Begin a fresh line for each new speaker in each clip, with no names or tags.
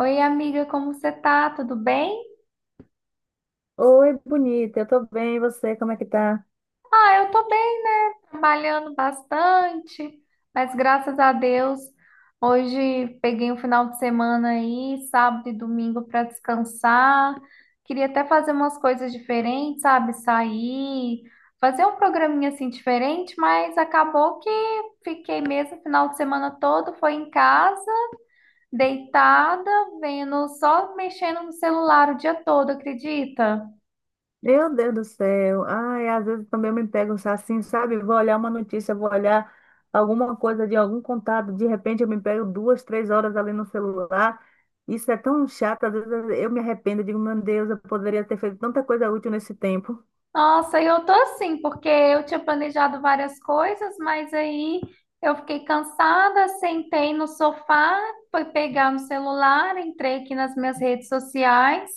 Oi, amiga, como você tá? Tudo bem?
Oi, bonita, eu tô bem, e você, como é que tá?
Ah, eu tô bem, né? Trabalhando bastante, mas graças a Deus, hoje peguei um final de semana aí, sábado e domingo para descansar. Queria até fazer umas coisas diferentes, sabe? Sair, fazer um programinha assim diferente, mas acabou que fiquei mesmo o final de semana todo, foi em casa, deitada, vendo, só mexendo no celular o dia todo, acredita?
Meu Deus do céu, ai, às vezes também eu me pego assim, sabe? Vou olhar uma notícia, vou olhar alguma coisa de algum contato, de repente eu me pego duas, três horas ali no celular. Isso é tão chato, às vezes eu me arrependo, digo, meu Deus, eu poderia ter feito tanta coisa útil nesse tempo.
Nossa, eu tô assim, porque eu tinha planejado várias coisas, mas aí eu fiquei cansada, sentei no sofá, fui pegar no celular, entrei aqui nas minhas redes sociais.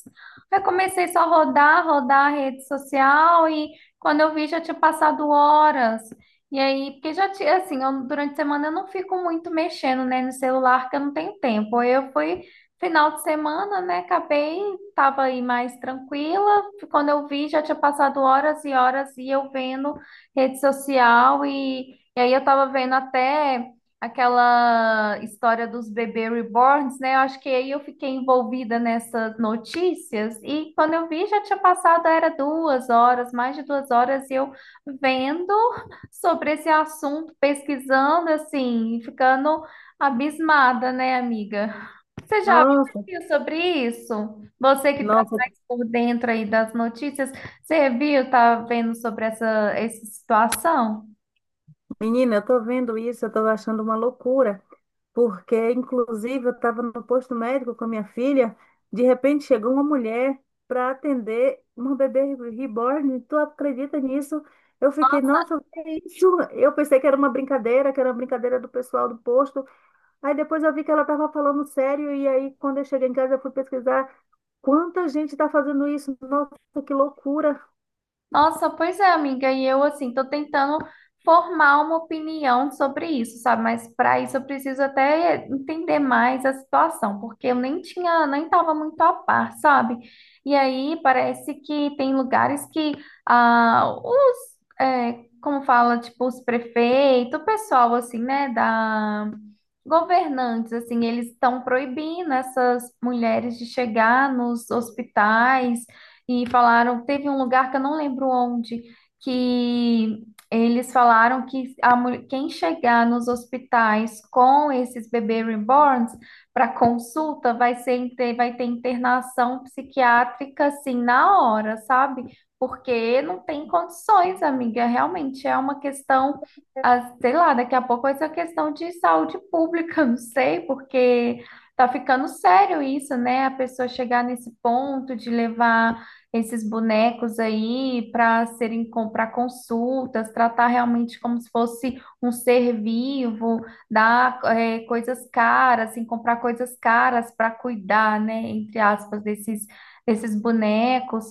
Aí comecei só a rodar, rodar a rede social e quando eu vi já tinha passado horas. E aí, porque já tinha, assim, durante a semana eu não fico muito mexendo, né, no celular, que eu não tenho tempo. Eu fui final de semana, né, acabei, tava aí mais tranquila quando eu vi, já tinha passado horas e horas e eu vendo rede social e aí eu tava vendo até aquela história dos bebê reborns, né? Eu acho que aí eu fiquei envolvida nessas notícias e quando eu vi, já tinha passado, era 2 horas, mais de 2 horas, e eu vendo sobre esse assunto, pesquisando, assim, ficando abismada, né, amiga? Você já
Nossa,
viu sobre isso? Você que está
nossa,
mais por dentro aí das notícias, você viu, tá vendo sobre essa situação?
menina, eu tô vendo isso, eu tô achando uma loucura. Porque inclusive eu estava no posto médico com a minha filha, de repente chegou uma mulher para atender uma bebê reborn, tu acredita nisso? Eu fiquei, nossa, o que é isso? Eu pensei que era uma brincadeira, que era uma brincadeira do pessoal do posto. Aí depois eu vi que ela estava falando sério, e aí quando eu cheguei em casa eu fui pesquisar quanta gente está fazendo isso. Nossa, que loucura.
Nossa, pois é, amiga, e eu assim tô tentando formar uma opinião sobre isso, sabe? Mas para isso eu preciso até entender mais a situação, porque eu nem tinha, nem estava muito a par, sabe? E aí parece que tem lugares que ah, é, como fala, tipo, os prefeitos, o pessoal assim, né, da governantes, assim, eles estão proibindo essas mulheres de chegar nos hospitais e falaram, teve um lugar que eu não lembro onde, que eles falaram que quem chegar nos hospitais com esses bebês reborns para consulta vai ter internação psiquiátrica assim na hora, sabe? Porque não tem condições, amiga. Realmente é uma questão, ah, sei lá, daqui a pouco vai ser uma questão de saúde pública, não sei, porque tá ficando sério isso, né? A pessoa chegar nesse ponto de levar esses bonecos aí para serem para consultas, tratar realmente como se fosse um ser vivo, dar coisas caras, assim, comprar coisas caras para cuidar, né, entre aspas, desses, desses bonecos.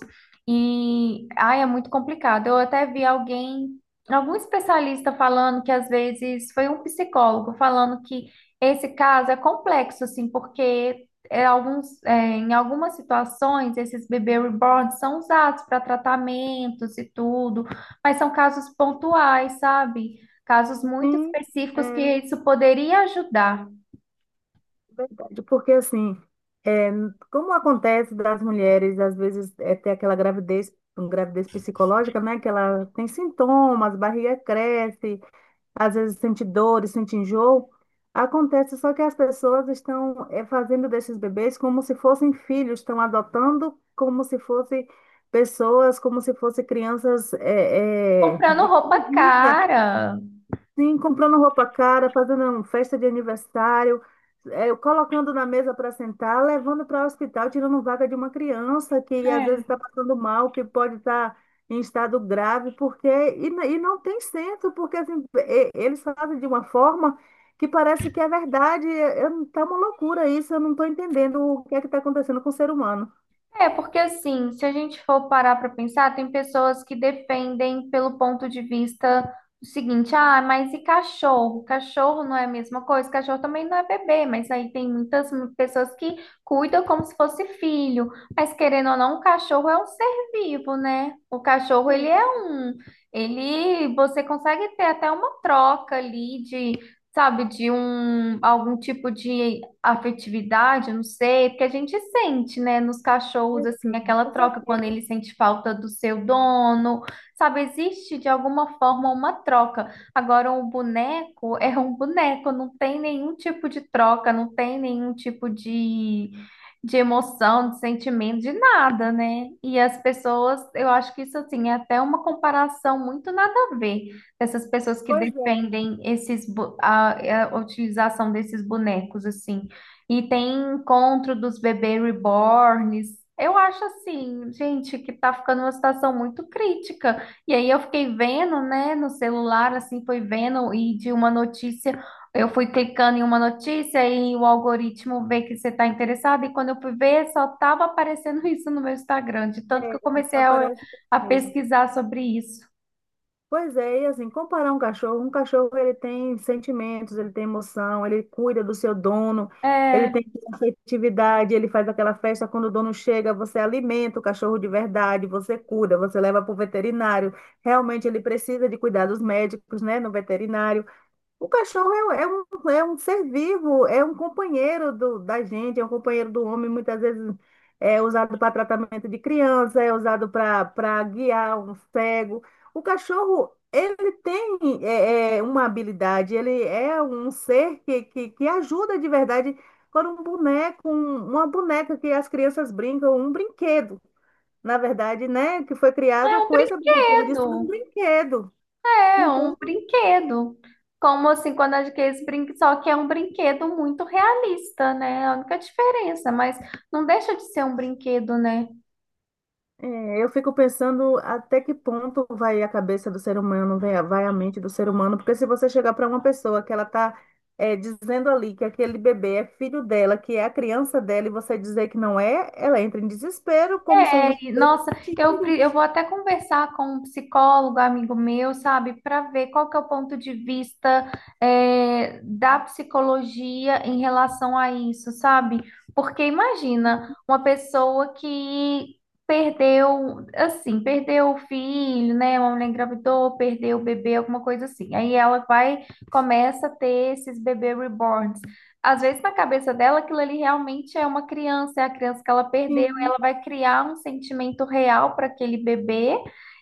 E ai, é muito complicado. Eu até vi alguém, algum especialista falando que às vezes foi um psicólogo falando que esse caso é complexo, assim, porque em algumas situações, esses bebês reborn são usados para tratamentos e tudo, mas são casos pontuais, sabe? Casos muito
Sim,
específicos que isso poderia ajudar.
verdade. Porque assim, é, como acontece das mulheres, às vezes, é ter aquela gravidez, uma gravidez psicológica, né? Que ela tem sintomas, barriga cresce, às vezes sente dores, sente enjoo. Acontece só que as pessoas estão fazendo desses bebês como se fossem filhos, estão adotando como se fossem pessoas, como se fossem crianças
Comprando
de
roupa
comida.
cara.
Sim, comprando roupa cara, fazendo um festa de aniversário, colocando na mesa para sentar, levando para o hospital, tirando vaga de uma criança que às vezes está passando mal, que pode estar em estado grave, porque e não tem senso, porque assim, eles fazem de uma forma que parece que é verdade. Está uma loucura isso, eu não estou entendendo o que é que está acontecendo com o ser humano.
É, porque assim, se a gente for parar para pensar, tem pessoas que defendem pelo ponto de vista do seguinte, ah, mas e cachorro? Cachorro não é a mesma coisa, cachorro também não é bebê, mas aí tem muitas pessoas que cuidam como se fosse filho, mas querendo ou não, o cachorro é um ser vivo, né? O cachorro, ele
Sim,
é um, ele, você consegue ter até uma troca ali de sabe, de um algum tipo de afetividade, eu não sei, porque a gente sente, né, nos cachorros assim
sim,
aquela
com
troca quando
certeza.
ele sente falta do seu dono, sabe, existe de alguma forma uma troca. Agora um boneco é um boneco, não tem nenhum tipo de troca, não tem nenhum tipo de emoção, de sentimento, de nada, né? E as pessoas, eu acho que isso assim é até uma comparação muito nada a ver. Essas pessoas que
Pois é.
defendem esses, bo- a, é, a utilização desses bonecos, assim. E tem encontro dos bebês reborns. Eu acho assim, gente, que tá ficando uma situação muito crítica. E aí eu fiquei vendo, né, no celular, assim, foi vendo, e de uma notícia, eu fui clicando em uma notícia e o algoritmo vê que você tá interessado. E quando eu fui ver, só tava aparecendo isso no meu Instagram, de tanto que eu comecei
Mas
a,
parece que é
a
mesmo.
pesquisar sobre isso.
Pois é, e assim, comparar um cachorro ele tem sentimentos, ele tem emoção, ele cuida do seu dono, ele
É.
tem afetividade, ele faz aquela festa quando o dono chega, você alimenta o cachorro de verdade, você cuida, você leva para o veterinário. Realmente ele precisa de cuidados médicos, né, no veterinário. O cachorro é um ser vivo, é um companheiro da gente, é um companheiro do homem, muitas vezes é usado para tratamento de criança, é usado para guiar um cego. O cachorro, ele tem uma habilidade, ele é um ser que ajuda de verdade quando um boneco, uma boneca que as crianças brincam, um brinquedo, na verdade, né, que foi
É
criado
um
com esse objetivo de ser um
brinquedo.
brinquedo.
É um
Então,
brinquedo. Como assim, quando adquire esse brinquedo, só que é um brinquedo muito realista, né? É a única diferença, mas não deixa de ser um brinquedo, né?
é, eu fico pensando até que ponto vai a cabeça do ser humano, vai a mente do ser humano, porque se você chegar para uma pessoa que ela está dizendo ali que aquele bebê é filho dela, que é a criança dela, e você dizer que não é, ela entra em desespero, como se a
É,
gente
e,
estivesse
nossa,
mentindo.
eu vou até conversar com um psicólogo, amigo meu, sabe, para ver qual que é o ponto de vista é, da psicologia em relação a isso, sabe? Porque imagina uma pessoa que perdeu, assim, perdeu o filho, né? Uma mulher engravidou, perdeu o bebê, alguma coisa assim. Aí ela vai, começa a ter esses bebê reborns. Às vezes na cabeça dela aquilo ali realmente é uma criança, é a criança que ela perdeu
Sim,
ela vai criar um sentimento real para aquele bebê.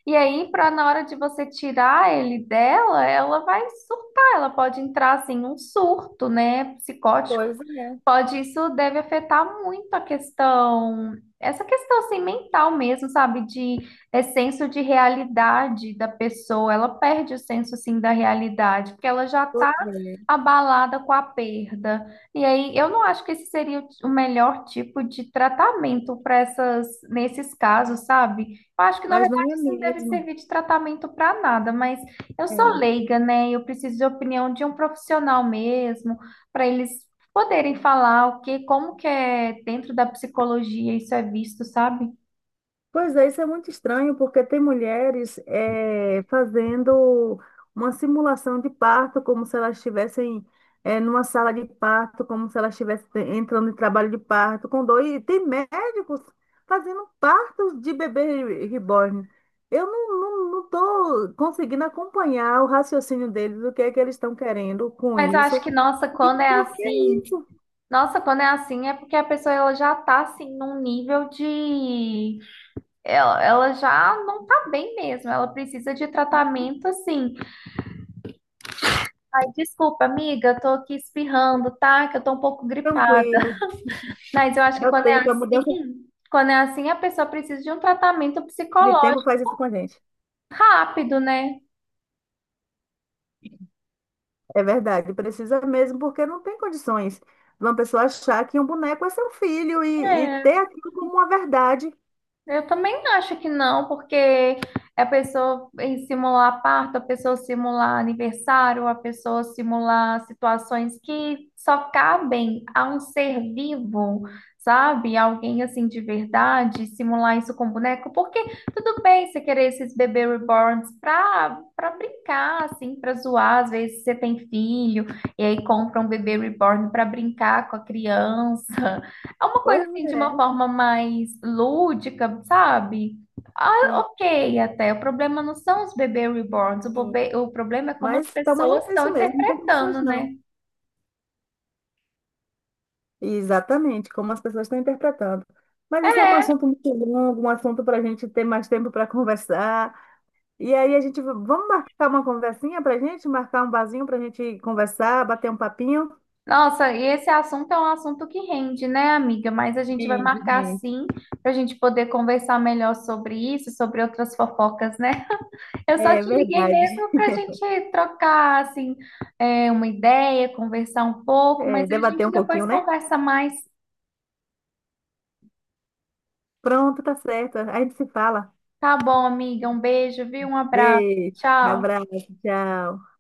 E aí, para na hora de você tirar ele dela, ela vai surtar, ela pode entrar assim num surto, né, psicótico.
pois é,
Pode, isso deve afetar muito a questão, essa questão assim mental mesmo, sabe, de é, senso de realidade da pessoa. Ela perde o senso assim da realidade, porque ela já
pois
tá
é.
abalada com a perda. E aí, eu não acho que esse seria o melhor tipo de tratamento para nesses casos, sabe? Eu acho que, na
Mas não
verdade,
é
isso não deve
mesmo.
servir de tratamento para nada, mas eu sou leiga, né? Eu preciso de opinião de um profissional mesmo, para eles poderem falar o que, como que é dentro da psicologia isso é visto, sabe?
Pois é, isso é muito estranho, porque tem mulheres fazendo uma simulação de parto, como se elas estivessem numa sala de parto, como se elas estivessem entrando em trabalho de parto com dor. E tem médicos fazendo partos de bebê reborn. Eu não, não tô conseguindo acompanhar o raciocínio deles, o que é que eles estão querendo com
Mas eu acho
isso.
que, nossa,
E
quando é
por que
assim,
isso?
nossa, quando é assim é porque a pessoa ela já tá assim num nível de Ela, ela já não tá bem mesmo, ela precisa de tratamento assim. Ai, desculpa, amiga, eu tô aqui espirrando, tá? Que eu tô um pouco gripada.
Tranquilo.
Mas eu acho que
Eu tento, a mudança
quando é assim, a pessoa precisa de um tratamento
de tempo
psicológico
faz isso com a gente.
rápido, né?
É verdade, precisa mesmo, porque não tem condições de uma pessoa achar que um boneco é seu filho e
É.
ter aquilo como uma verdade.
Eu também acho que não, porque é a pessoa em simular parto, a pessoa simular aniversário, a pessoa simular situações que só cabem a um ser vivo, sabe? Alguém assim de verdade, simular isso com boneco, porque tudo bem você querer esses bebê reborns para brincar, assim, para zoar, às vezes você tem filho e aí compra um bebê reborn para brincar com a criança. É uma coisa
Pois
assim de uma
é,
forma mais lúdica, sabe? Ah,
sim.
ok, até. O problema não são os bebês reborns, o problema é como as
Mas tá uma
pessoas
loucura
estão
isso mesmo, não tem condições
interpretando,
não.
né?
Exatamente, como as pessoas estão interpretando. Mas isso é um assunto muito longo, um assunto para a gente ter mais tempo para conversar. E aí a gente, vamos marcar uma conversinha para a gente, marcar um barzinho para a gente conversar, bater um papinho.
Nossa, e esse assunto é um assunto que rende, né, amiga? Mas a gente vai
Sim,
marcar
sim.
sim para a gente poder conversar melhor sobre isso, sobre outras fofocas, né? Eu só
É
te liguei
verdade.
mesmo para a gente trocar, assim, é, uma ideia, conversar um pouco,
É,
mas a
debater
gente
um pouquinho,
depois
né?
conversa mais.
Pronto, tá certo. A gente se fala.
Tá bom, amiga. Um beijo, viu? Um abraço.
Beijo,
Tchau.
abraço, tchau.